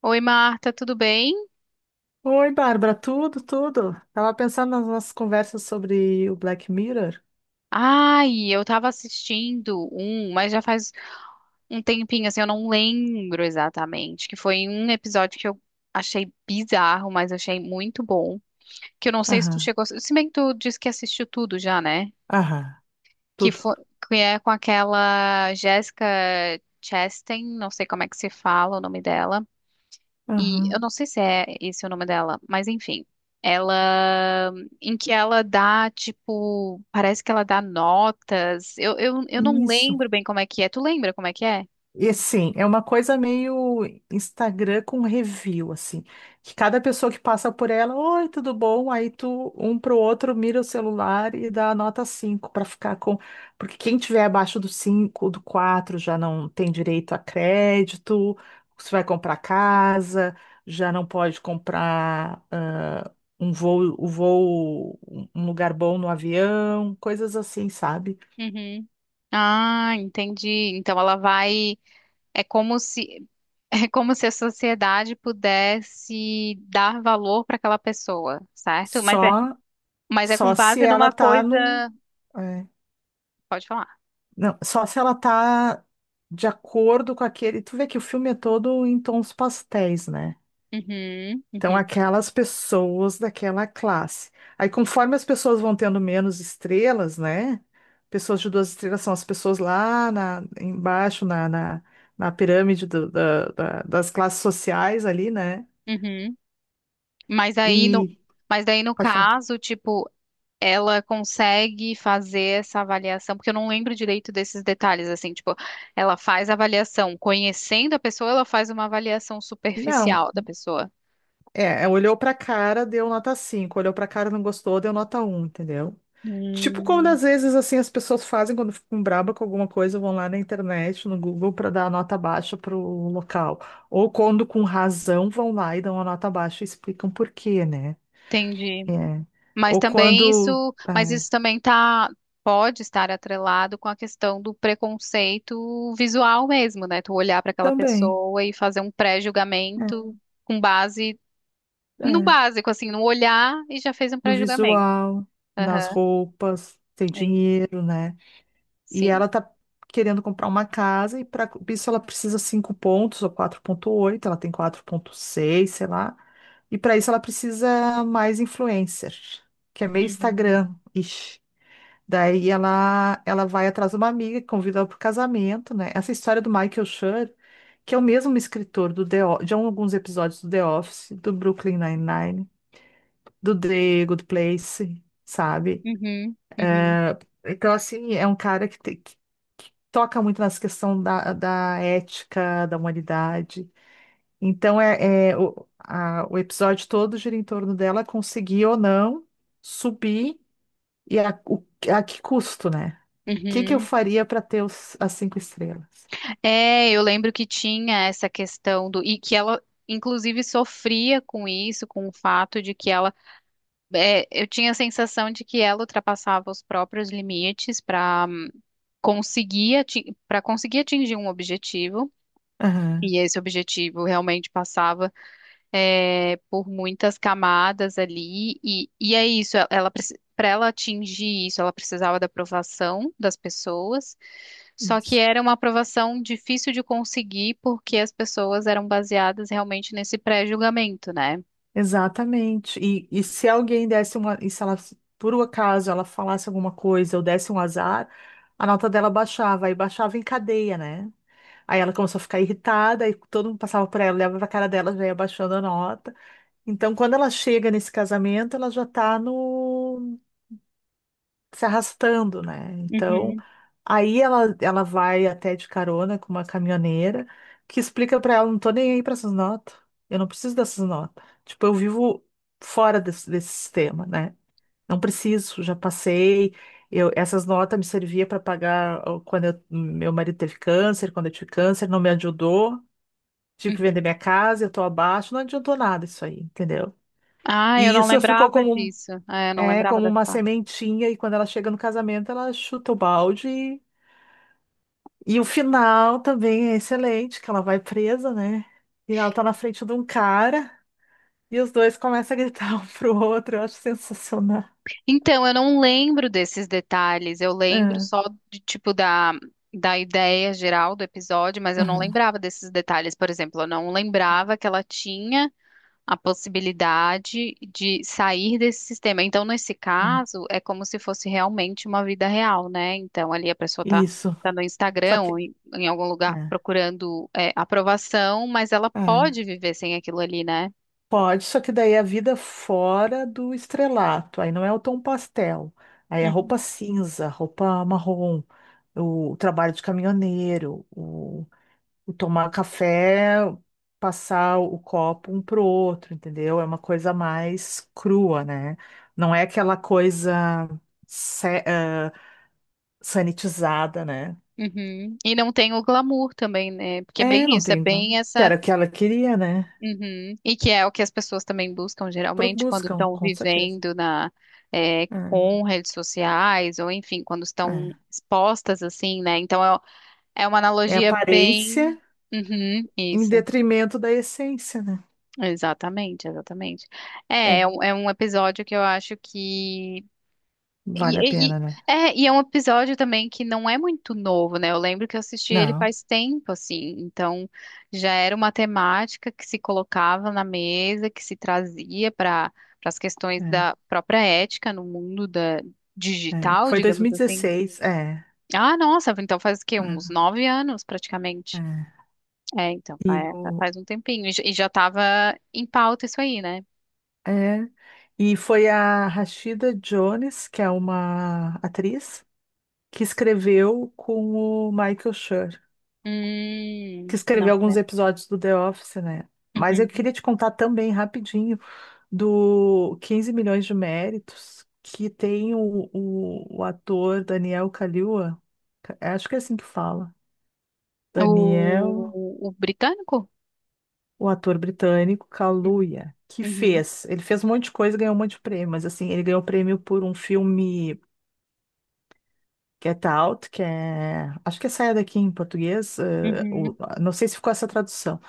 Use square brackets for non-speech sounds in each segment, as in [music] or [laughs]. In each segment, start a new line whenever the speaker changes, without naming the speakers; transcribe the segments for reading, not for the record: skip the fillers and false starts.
Oi, Marta, tudo bem?
Oi, Bárbara, tudo, tudo. Tava pensando nas nossas conversas sobre o Black Mirror.
Ai, eu tava assistindo um, mas já faz um tempinho, assim, eu não lembro exatamente, que foi um episódio que eu achei bizarro, mas achei muito bom, que eu não sei se tu
Aham,
chegou, se bem que tu disse que assistiu tudo já, né?
aham,
Que
tudo.
foi, que é com aquela Jessica Chastain, não sei como é que se fala o nome dela. E eu
Aham.
não sei se é esse o nome dela, mas enfim. Ela, em que ela dá, tipo, parece que ela dá notas. Eu não
Isso.
lembro bem como é que é. Tu lembra como é que é?
E assim, é uma coisa meio Instagram com review, assim, que cada pessoa que passa por ela, oi, tudo bom? Aí tu, um pro outro, mira o celular e dá a nota cinco para ficar com. Porque quem tiver abaixo do 5, do 4 já não tem direito a crédito, se vai comprar casa, já não pode comprar um lugar bom no avião, coisas assim, sabe?
Uhum. Ah, entendi. Então ela vai, é como se, [laughs] é como se a sociedade pudesse dar valor para aquela pessoa, certo?
Só,
Mas é com
só se
base
ela
numa
tá num.
coisa.
é,
Pode falar.
Não, só se ela tá de acordo com aquele. Tu vê que o filme é todo em tons pastéis, né?
Uhum.
Então,
Uhum.
aquelas pessoas daquela classe. Aí, conforme as pessoas vão tendo menos estrelas, né? Pessoas de duas estrelas são as pessoas lá na, embaixo, na pirâmide das classes sociais ali, né?
Uhum. Mas aí no,
E.
mas daí no
Pode falar.
caso, tipo, ela consegue fazer essa avaliação, porque eu não lembro direito desses detalhes, assim, tipo, ela faz a avaliação conhecendo a pessoa, ela faz uma avaliação
Não,
superficial da pessoa.
olhou pra cara, deu nota cinco. Olhou pra cara, não gostou, deu nota um, entendeu? Tipo quando
Hum,
às vezes assim as pessoas fazem quando ficam braba com alguma coisa, vão lá na internet, no Google para dar a nota baixa para o local. Ou quando com razão vão lá e dão a nota baixa e explicam por quê, né?
entendi.
É.
Mas
Ou
também
quando
isso, mas
é,
isso também tá, pode estar atrelado com a questão do preconceito visual mesmo, né? Tu olhar para aquela
também
pessoa e fazer um
é,
pré-julgamento com base no
é,
básico, assim, no olhar e já fez um
no
pré-julgamento.
visual, nas
Aham,
roupas, tem
aí,
dinheiro, né? E
sim.
ela tá querendo comprar uma casa e para isso ela precisa 5 pontos ou 4,8. Ela tem 4,6, sei lá. E para isso ela precisa mais influencer, que é meio
Uhum,
Instagram. -ish. Daí ela vai atrás de uma amiga que convida ela para o casamento, né? Essa história do Michael Schur, que é o mesmo escritor de alguns episódios do The Office, do Brooklyn Nine-Nine, do The Good Place, sabe?
uhum, uhum,
Então, assim, é um cara que toca muito nessa questão da, da ética, da humanidade. Então, o episódio todo gira em torno dela conseguir ou não subir e a que custo, né? O que que eu
uhum.
faria para ter as cinco estrelas?
É, eu lembro que tinha essa questão do. E que ela, inclusive, sofria com isso, com o fato de que ela. É, eu tinha a sensação de que ela ultrapassava os próprios limites conseguir, para conseguir atingir um objetivo.
Aham,
E esse objetivo realmente passava é, por muitas camadas ali, e é isso, ela, para ela atingir isso, ela precisava da aprovação das pessoas, só que
isso.
era uma aprovação difícil de conseguir porque as pessoas eram baseadas realmente nesse pré-julgamento, né?
Exatamente. E se alguém desse uma. E se ela, por um acaso, ela falasse alguma coisa ou desse um azar, a nota dela baixava e baixava em cadeia, né? Aí ela começou a ficar irritada, e todo mundo passava por ela, olhava pra cara dela, já ia baixando a nota. Então, quando ela chega nesse casamento, ela já tá no se arrastando, né?
Uhum,
Então,
uhum.
aí ela vai até de carona com uma caminhoneira, que explica pra ela, não tô nem aí pra essas notas, eu não preciso dessas notas. Tipo, eu vivo fora desse sistema, né? Não preciso, já passei. Eu, essas notas me servia para pagar ó, meu marido teve câncer, quando eu tive câncer, não me ajudou. Tive que vender
Uhum.
minha casa, eu tô abaixo, não adiantou nada isso aí, entendeu?
Ah, eu
E
não
isso ficou
lembrava
como,
disso. Ah, eu não lembrava
como uma
dessa.
sementinha, e quando ela chega no casamento, ela chuta o balde. E o final também é excelente, que ela vai presa, né? E ela tá na frente de um cara, e os dois começam a gritar [laughs] um pro outro, eu acho sensacional.
Então, eu não lembro desses detalhes, eu lembro
É,
só de tipo da, da ideia geral do episódio, mas eu não
aham,
lembrava desses detalhes. Por exemplo, eu não lembrava que ela tinha a possibilidade de sair desse sistema. Então, nesse
aham.
caso, é como se fosse realmente uma vida real, né? Então, ali a pessoa tá,
Isso.
tá no
Só
Instagram ou
que.
em, em algum lugar procurando, é, aprovação, mas ela
É, é.
pode viver sem aquilo ali, né?
Pode, só que daí é a vida fora do estrelato, aí não é o tom pastel, aí é roupa
Uhum.
cinza, roupa marrom, o trabalho de caminhoneiro, o tomar café, passar o copo um pro outro, entendeu? É uma coisa mais crua, né? Não é aquela coisa se- ah, sanitizada, né?
Uhum. E não tem o glamour também, né? Porque é
É,
bem
não
isso, é
tem.
bem
Que
essa.
era o que ela queria, né?
Uhum. E que é o que as pessoas também buscam geralmente quando
Buscam,
estão
com certeza.
vivendo na, é,
É,
com redes sociais, ou enfim, quando estão
é.
expostas assim, né? Então é, é uma
É
analogia bem.
aparência.
Uhum,
Em
isso,
detrimento da essência, né?
exatamente, exatamente. É,
É,
é um episódio que eu acho que
vale a
E, e-
pena, né?
é, e é um episódio também que não é muito novo, né? Eu lembro que eu assisti ele
Não,
faz tempo, assim. Então, já era uma temática que se colocava na mesa, que se trazia para para as questões
é,
da própria ética no mundo da
é.
digital,
Foi
digamos
2016
assim. Ah, nossa, então faz o quê? Uns
é,
9 anos,
é.
praticamente. É, então,
E
faz, um tempinho. E, e já estava em pauta isso aí, né?
é, foi a Rashida Jones, que é uma atriz, que escreveu com o Michael Schur, que escreveu
Não, né?
alguns episódios do The Office, né? Mas eu
Uhum.
queria te contar também rapidinho do 15 milhões de méritos que tem o ator Daniel Kaluuya, acho que é assim que fala Daniel,
O britânico?
o ator britânico Kaluuya,
Uhum,
ele fez um monte de coisa, e ganhou um monte de prêmio, mas assim, ele ganhou prêmio por um filme Get Out, que é, acho que é Saia Daqui em português,
uhum.
não sei se ficou essa tradução,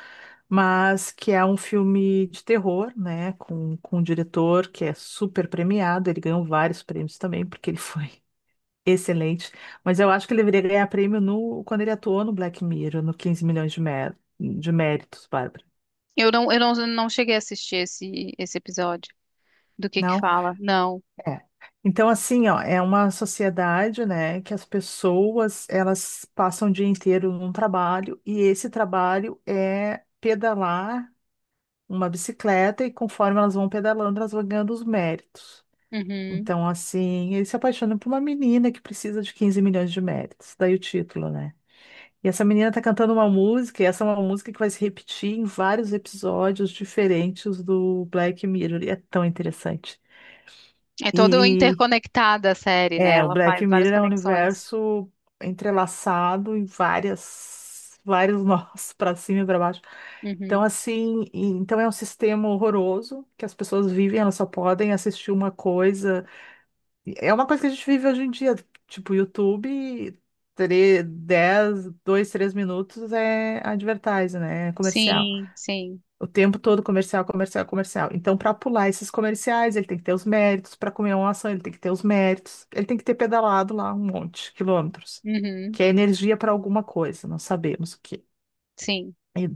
mas que é um filme de terror, né, com um diretor que é super premiado, ele ganhou vários prêmios também, porque ele foi [laughs] excelente, mas eu acho que ele deveria ganhar prêmio no, quando ele atuou no Black Mirror, no 15 milhões de méritos, Bárbara.
Eu não cheguei a assistir esse, esse episódio. Do que
Não?
fala? Não.
É. Então, assim, ó, é uma sociedade, né, que as pessoas, elas passam o dia inteiro num trabalho e esse trabalho é pedalar uma bicicleta e conforme elas vão pedalando, elas vão ganhando os méritos.
Uhum.
Então, assim, ele se apaixona por uma menina que precisa de 15 milhões de méritos, daí o título, né? E essa menina tá cantando uma música, e essa é uma música que vai se repetir em vários episódios diferentes do Black Mirror, e é tão interessante.
É toda
E
interconectada a série, né?
O
Ela
Black
faz várias
Mirror é um
conexões.
universo entrelaçado em vários nós [laughs] para cima e para baixo. Então,
Uhum.
assim, então é um sistema horroroso que as pessoas vivem, elas só podem assistir uma coisa. E é uma coisa que a gente vive hoje em dia, tipo YouTube, 10, 2, 3 minutos é advertising, né? É comercial.
Sim, sim.
O tempo todo comercial, comercial, comercial. Então, para pular esses comerciais, ele tem que ter os méritos. Para comer uma ação, ele tem que ter os méritos. Ele tem que ter pedalado lá um monte de quilômetros,
Uhum,
que é energia para alguma coisa, não sabemos o quê.
sim.
E,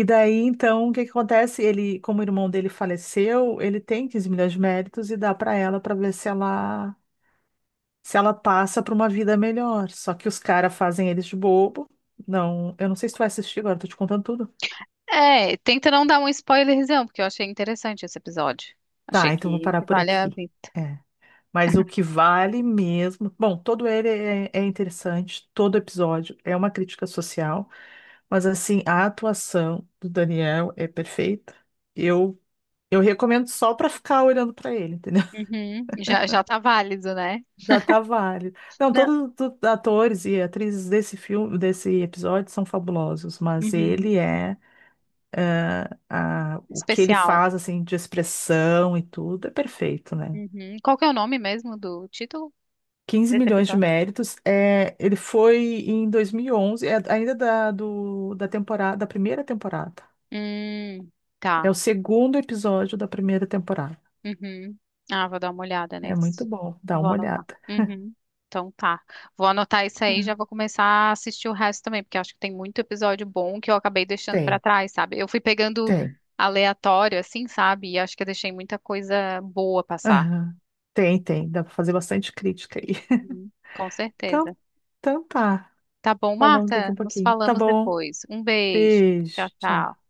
e daí, então, o que que acontece? Ele, como o irmão dele faleceu, ele tem 15 milhões de méritos e dá para ela para ver se ela passa para uma vida melhor. Só que os caras fazem eles de bobo. Não, eu não sei se tu vai assistir agora, tô te contando tudo.
É, tenta não dar um spoilerzão, porque eu achei interessante esse episódio. Achei
Tá, então vou parar
que
por
vale a
aqui.
vida.
É. Mas o que vale mesmo. Bom, todo ele é interessante, todo episódio é uma crítica social, mas assim, a atuação do Daniel é perfeita. Eu, eu recomendo só para ficar olhando para ele, entendeu? [laughs]
Uhum. Já, já tá válido, né?
Já tá válido. Não,
Não.
todos os atores e atrizes desse filme, desse episódio são fabulosos, mas
Uhum.
ele é, o que ele
Especial.
faz assim de expressão e tudo é perfeito, né?
Uhum. Qual que é o nome mesmo do título
quinze
desse
milhões de
episódio?
méritos. É, ele foi em 2011, é ainda da, da temporada, da primeira temporada.
Hum,
É
tá.
o segundo episódio da primeira temporada.
Uhum. Ah, vou dar uma olhada
É muito
nesse.
bom, dá
Vou
uma
anotar.
olhada.
Uhum. Então tá. Vou anotar isso aí e já
É.
vou começar a assistir o resto também, porque acho que tem muito episódio bom que eu acabei deixando pra
Tem,
trás, sabe? Eu fui pegando
tem.
aleatório, assim, sabe? E acho que eu deixei muita coisa boa passar.
Aham. Tem, tem. Dá para fazer bastante crítica aí. [laughs]
Uhum. Com certeza.
Então, então tá.
Tá bom,
Falamos daqui
Marta?
a
Nos
pouquinho. Tá
falamos
bom.
depois. Um beijo. Tchau,
Beijo.
tchau.
Tchau.